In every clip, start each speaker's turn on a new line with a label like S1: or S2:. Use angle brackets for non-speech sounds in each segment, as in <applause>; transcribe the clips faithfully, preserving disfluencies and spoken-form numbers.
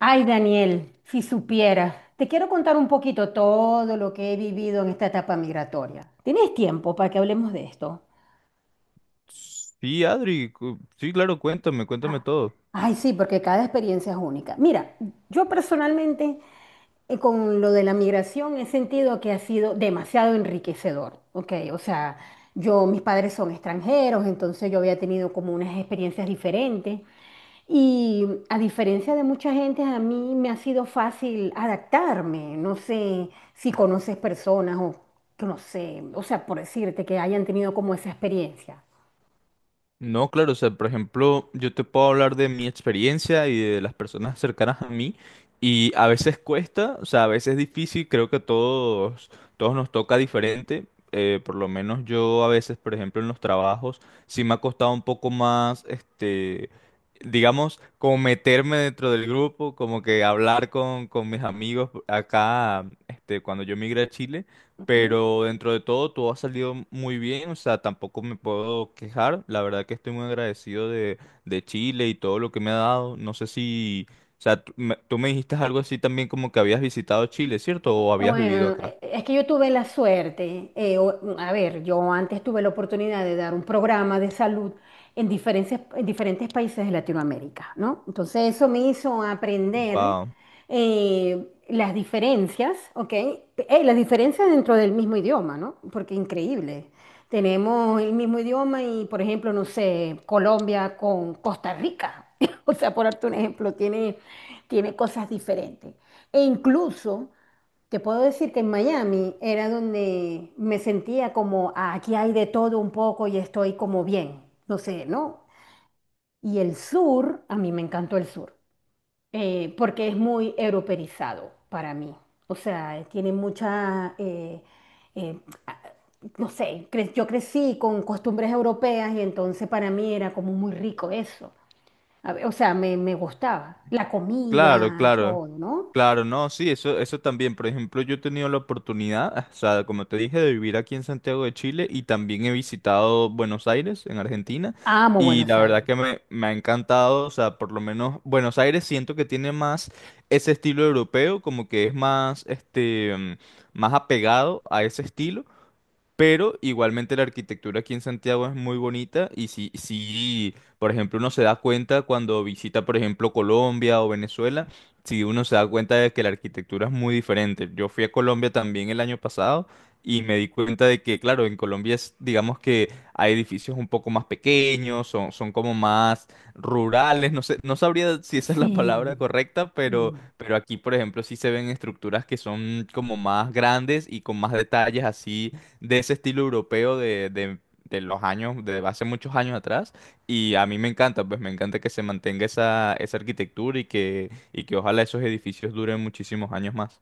S1: Ay, Daniel, si supiera, te quiero contar un poquito todo lo que he vivido en esta etapa migratoria. ¿Tienes tiempo para que hablemos de esto?
S2: Sí, Adri, cu- sí, claro, cuéntame, cuéntame
S1: Ah,
S2: todo.
S1: ay, sí, porque cada experiencia es única. Mira, yo personalmente eh, Con lo de la migración he sentido que ha sido demasiado enriquecedor, ¿ok? O sea, yo, mis padres son extranjeros, entonces yo había tenido como unas experiencias diferentes y a diferencia de mucha gente, a mí me ha sido fácil adaptarme. No sé si conoces personas o que no sé, o sea, por decirte que hayan tenido como esa experiencia.
S2: No, claro, o sea, por ejemplo, yo te puedo hablar de mi experiencia y de las personas cercanas a mí, y a veces cuesta, o sea, a veces es difícil, creo que a todos, todos nos toca diferente. Eh, por lo menos yo a veces, por ejemplo, en los trabajos, sí me ha costado un poco más, este, digamos, como meterme dentro del grupo, como que hablar con, con mis amigos acá, este, cuando yo migré a Chile. Pero dentro de todo, todo ha salido muy bien, o sea, tampoco me puedo quejar. La verdad que estoy muy agradecido de, de Chile y todo lo que me ha dado. No sé si, o sea, tú me, tú me dijiste algo así también como que habías visitado Chile, ¿cierto? O habías vivido
S1: Bueno,
S2: acá.
S1: e- e, es que yo tuve la suerte, eh, o- a ver, yo antes tuve la oportunidad de dar un programa de salud en diferentes, en diferentes países de Latinoamérica, ¿no? Entonces eso me hizo aprender eh, las diferencias, ¿ok? Eh, las diferencias dentro del mismo idioma, ¿no? Porque increíble. Tenemos el mismo idioma y, por ejemplo, no sé, Colombia con Costa Rica, <laughs> o sea, por darte un ejemplo, tiene, tiene cosas diferentes. E incluso... Te puedo decir que en Miami era donde me sentía como "Ah, aquí hay de todo un poco y estoy como bien, no sé, ¿no?". Y el sur, a mí me encantó el sur, eh, porque es muy europeizado para mí. O sea, tiene mucha, eh, eh, a- no sé, cre- yo crecí con costumbres europeas y entonces para mí era como muy rico eso. A ver, o sea, me, me gustaba la
S2: Claro,
S1: comida,
S2: claro,
S1: todo, ¿no?
S2: claro, no, sí, eso, eso también. Por ejemplo, yo he tenido la oportunidad, o sea, como te dije, de vivir aquí en Santiago de Chile y también he visitado Buenos Aires, en Argentina,
S1: Amo
S2: y
S1: Buenos
S2: la verdad
S1: Aires.
S2: que me, me ha encantado, o sea, por lo menos Buenos Aires siento que tiene más ese estilo europeo, como que es más, este, mm, más apegado a ese estilo. Pero igualmente la arquitectura aquí en Santiago es muy bonita y si, si, por ejemplo, uno se da cuenta cuando visita, por ejemplo, Colombia o Venezuela, si uno se da cuenta de que la arquitectura es muy diferente. Yo fui a Colombia también el año pasado y me di cuenta de que, claro, en Colombia es, digamos que hay edificios un poco más pequeños, son, son como más rurales, no sé, no sabría si esa es la palabra
S1: Sí,
S2: correcta, pero,
S1: sí.
S2: pero aquí, por ejemplo, sí se ven estructuras que son como más grandes y con más detalles así de ese estilo europeo de, de- de los años, de hace muchos años atrás. Y a mí me encanta, pues me encanta que se mantenga esa, esa arquitectura y que, y que ojalá esos edificios duren muchísimos años más.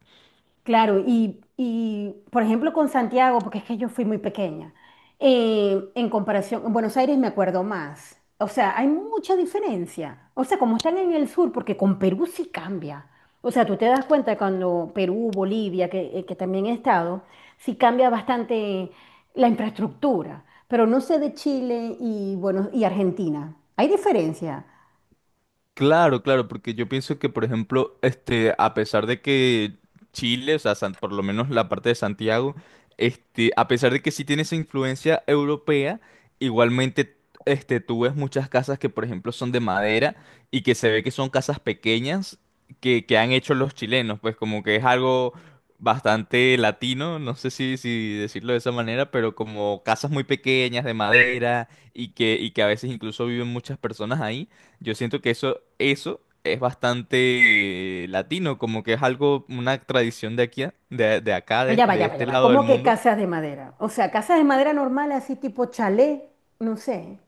S1: Claro, y, y, por ejemplo con Santiago, porque es que yo fui muy pequeña, eh, en comparación, en Buenos Aires me acuerdo más. O sea, hay mucha diferencia. O sea, como están en el sur, porque con Perú sí cambia. O sea, tú te das cuenta cuando Perú, Bolivia, que, eh, que también he estado, sí cambia bastante la infraestructura. Pero no sé de Chile y, bueno, y Argentina. Hay diferencia.
S2: Claro, claro, porque yo pienso que, por ejemplo, este, a pesar de que Chile, o sea, San- por lo menos la parte de Santiago, este, a pesar de que sí tiene esa influencia europea, igualmente, este, tú ves muchas casas que, por ejemplo, son de madera y que se ve que son casas pequeñas que, que han hecho los chilenos, pues como que es algo bastante latino, no sé si, si decirlo de esa manera, pero como casas muy pequeñas de madera y que, y que a veces incluso viven muchas personas ahí. Yo siento que eso, eso es bastante eh, latino, como que es algo, una tradición de aquí, de, de acá,
S1: Pero
S2: de,
S1: ya va,
S2: de
S1: ya va,
S2: este
S1: ya va.
S2: lado del
S1: ¿Cómo que
S2: mundo.
S1: casas de madera? O sea, casas de madera normal, así tipo chalet, no sé.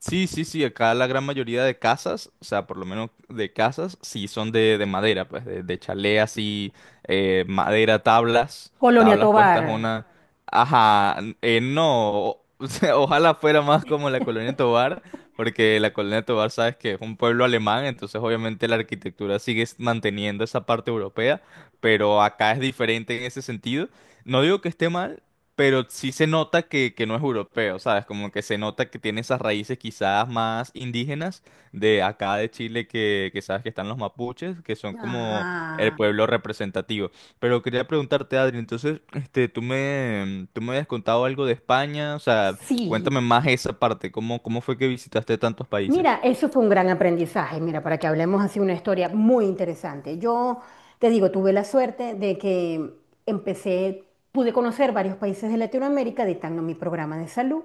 S2: Sí, sí, sí, acá la gran mayoría de casas, o sea, por lo menos de casas, sí son de, de madera, pues, de, de chalé así, eh, madera, tablas,
S1: Colonia
S2: tablas
S1: Tovar.
S2: puestas una... Ajá, eh, no, o <laughs> o sea, ojalá fuera más como la Colonia Tovar, porque la Colonia Tovar, sabes que es un pueblo alemán, entonces obviamente la arquitectura sigue s- manteniendo esa parte europea, pero acá es diferente en ese sentido. No digo que esté mal, pero sí se nota que, que no es europeo, ¿sabes? Como que se nota que tiene esas raíces quizás más indígenas de acá de Chile, que, que sabes que están los mapuches, que son como el
S1: Ajá.
S2: pueblo representativo. Pero quería preguntarte, Adri, entonces, este, tú me, tú me habías contado algo de España, o sea,
S1: Sí.
S2: cuéntame más esa parte, ¿cómo, cómo fue que visitaste tantos
S1: Mira,
S2: países?
S1: eso fue un gran aprendizaje, mira, para que hablemos así una historia muy interesante. Yo te digo, tuve la suerte de que empecé, pude conocer varios países de Latinoamérica dictando mi programa de salud.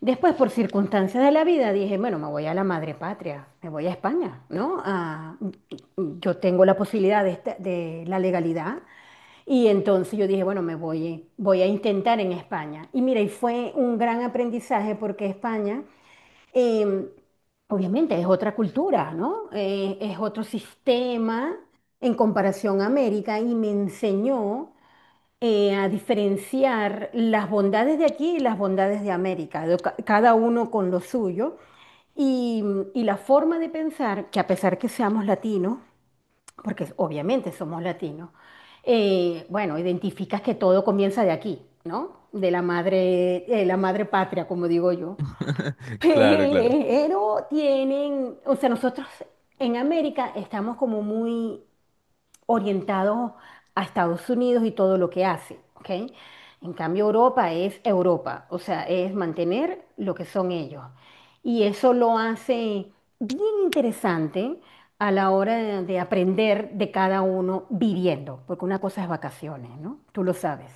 S1: Después, por circunstancias de la vida, dije, bueno, me voy a la madre patria, me voy a España, ¿no? Ah, yo tengo la posibilidad de, esta- de la legalidad y entonces yo dije, bueno, me voy, voy a intentar en España. Y mira, y fue un gran aprendizaje porque España, eh, obviamente, es otra cultura, ¿no? Eh, es otro sistema en comparación a América y me enseñó eh, a diferenciar las bondades de aquí y las bondades de América, de ca- cada uno con lo suyo, y, y la forma de pensar que a pesar que seamos latinos, porque obviamente somos latinos, eh, bueno, identificas que todo comienza de aquí, ¿no? De la madre, eh, la madre patria, como digo yo.
S2: <laughs> Claro, claro.
S1: Pero tienen, o sea, nosotros en América estamos como muy orientado a Estados Unidos y todo lo que hace, ¿ok? En cambio, Europa es Europa, o sea, es mantener lo que son ellos. Y eso lo hace bien interesante a la hora de, de aprender de cada uno viviendo, porque una cosa es vacaciones, ¿no? Tú lo sabes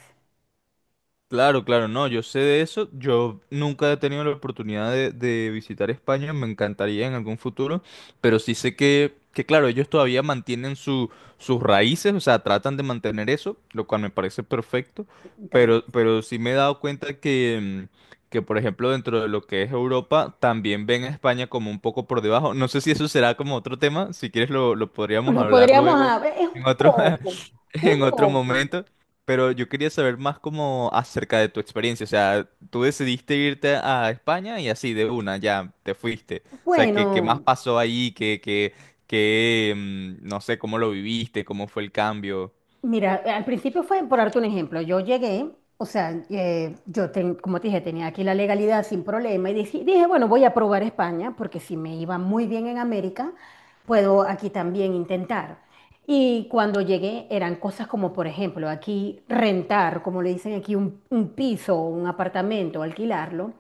S2: Claro, claro, no, yo sé de eso. Yo nunca he tenido la oportunidad de, de visitar España, me encantaría en algún futuro, pero sí sé que, que claro, ellos todavía mantienen su, sus raíces, o sea, tratan de mantener eso, lo cual me parece perfecto,
S1: también.
S2: pero, pero sí me he dado cuenta que, mm, que, por ejemplo, dentro de lo que es Europa, también ven a España como un poco por debajo. No sé si eso será como otro tema, si quieres lo, lo podríamos
S1: Lo
S2: hablar
S1: podríamos,
S2: luego
S1: a- es
S2: en
S1: un
S2: otro,
S1: poco,
S2: <laughs>
S1: un
S2: en otro
S1: poco.
S2: momento. Pero yo quería saber más como acerca de tu experiencia. O sea, tú decidiste irte a España y así de una, ya te fuiste. O sea, ¿qué, qué más
S1: Bueno.
S2: pasó ahí? ¿Qué, qué, qué, mm, no sé, cómo lo viviste? ¿Cómo fue el cambio?
S1: Mira, eh, al principio fue, por darte un ejemplo, yo llegué, o sea, eh, yo, ten- como te dije, tenía aquí la legalidad sin problema y dije, dije, bueno, voy a probar España porque si me iba muy bien en América, puedo aquí también intentar. Y cuando llegué eran cosas como, por ejemplo, aquí rentar, como le dicen aquí, un, un piso, un apartamento, alquilarlo.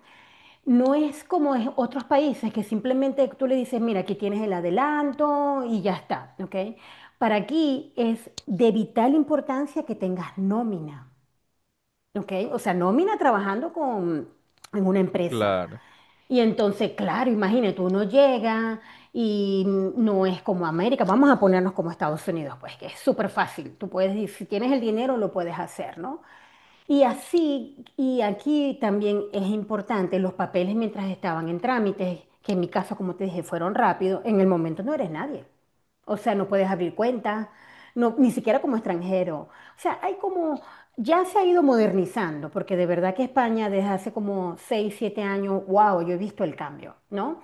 S1: No es como en otros países que simplemente tú le dices, mira, aquí tienes el adelanto y ya está, ¿ok? Para aquí es de vital importancia que tengas nómina, ¿ok? O sea, nómina trabajando con, en una empresa.
S2: Claro,
S1: Y entonces, claro, imagínate, uno llega y mm, no es como América, vamos a ponernos como Estados Unidos, pues que es súper fácil. Tú puedes, ir- si tienes el dinero, lo puedes hacer, ¿no? Y así, y aquí también es importante los papeles mientras estaban en trámites, que en mi caso, como te dije, fueron rápidos, en el momento no eres nadie. O sea, no puedes abrir cuentas, no, ni siquiera como extranjero. O sea, hay como, ya se ha ido modernizando, porque de verdad que España desde hace como seis o siete años, wow, yo he visto el cambio, ¿no?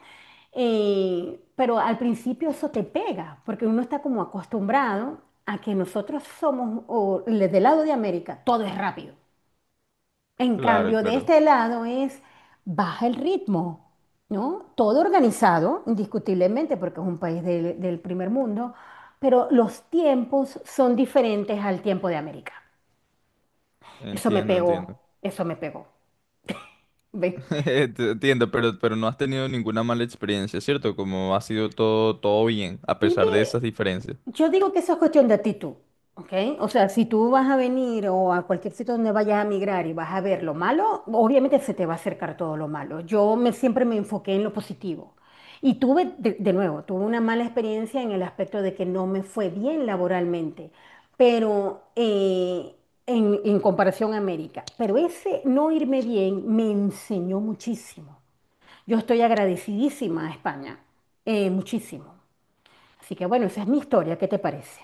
S1: Eh, pero al principio eso te pega, porque uno está como acostumbrado a que nosotros somos, o le- del lado de América, todo es rápido. En
S2: claro,
S1: cambio, de
S2: claro.
S1: este lado es baja el ritmo, ¿no? Todo organizado, indiscutiblemente, porque es un país del, del primer mundo, pero los tiempos son diferentes al tiempo de América. Eso me
S2: Entiendo,
S1: pegó,
S2: entiendo.
S1: eso me pegó. ¿Ve?
S2: <laughs> Ent- Entiendo, pero, pero no has tenido ninguna mala experiencia, ¿cierto? Como ha sido todo, todo bien, a
S1: Y
S2: pesar de
S1: ve,
S2: esas diferencias.
S1: yo digo que eso es cuestión de actitud, ¿ok? O sea, si tú vas a venir o a cualquier sitio donde vayas a migrar y vas a ver lo malo, obviamente se te va a acercar todo lo malo. Yo me, siempre me enfoqué en lo positivo. Y tuve, de, de nuevo, tuve una mala experiencia en el aspecto de que no me fue bien laboralmente, pero eh, en, en comparación a América. Pero ese no irme bien me enseñó muchísimo. Yo estoy agradecidísima a España, eh, muchísimo. Así que bueno, esa es mi historia, ¿qué te parece?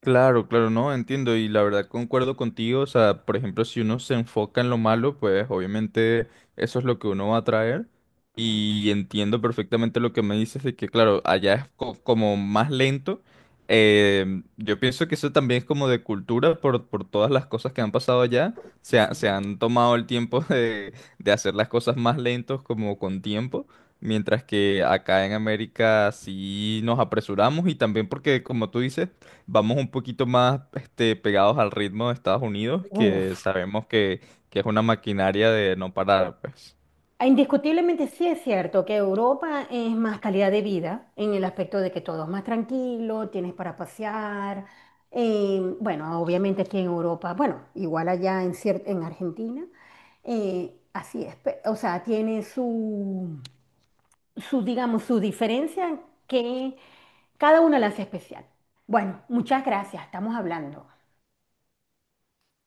S2: Claro, claro, no, entiendo y la verdad concuerdo contigo, o sea, por ejemplo, si uno se enfoca en lo malo, pues obviamente eso es lo que uno va a traer y entiendo perfectamente lo que me dices de que, claro, allá es co- como más lento. Eh, yo pienso que eso también es como de cultura por, por todas las cosas que han pasado allá, se, ha-
S1: Sí.
S2: se han tomado el tiempo de, de hacer las cosas más lentos como con tiempo. Mientras que acá en América sí nos apresuramos y también porque, como tú dices, vamos un poquito más este, pegados al ritmo de Estados Unidos, que
S1: Uf.
S2: sabemos que, que es una maquinaria de no parar, pues.
S1: Ah, indiscutiblemente sí es cierto que Europa es más calidad de vida en el aspecto de que todo es más tranquilo, tienes para pasear. Eh, bueno, obviamente aquí en Europa, bueno, igual allá en, cier- en Argentina, eh, así es. pe- O sea, tiene su, su, digamos, su diferencia que cada una la hace especial. Bueno, muchas gracias, estamos hablando.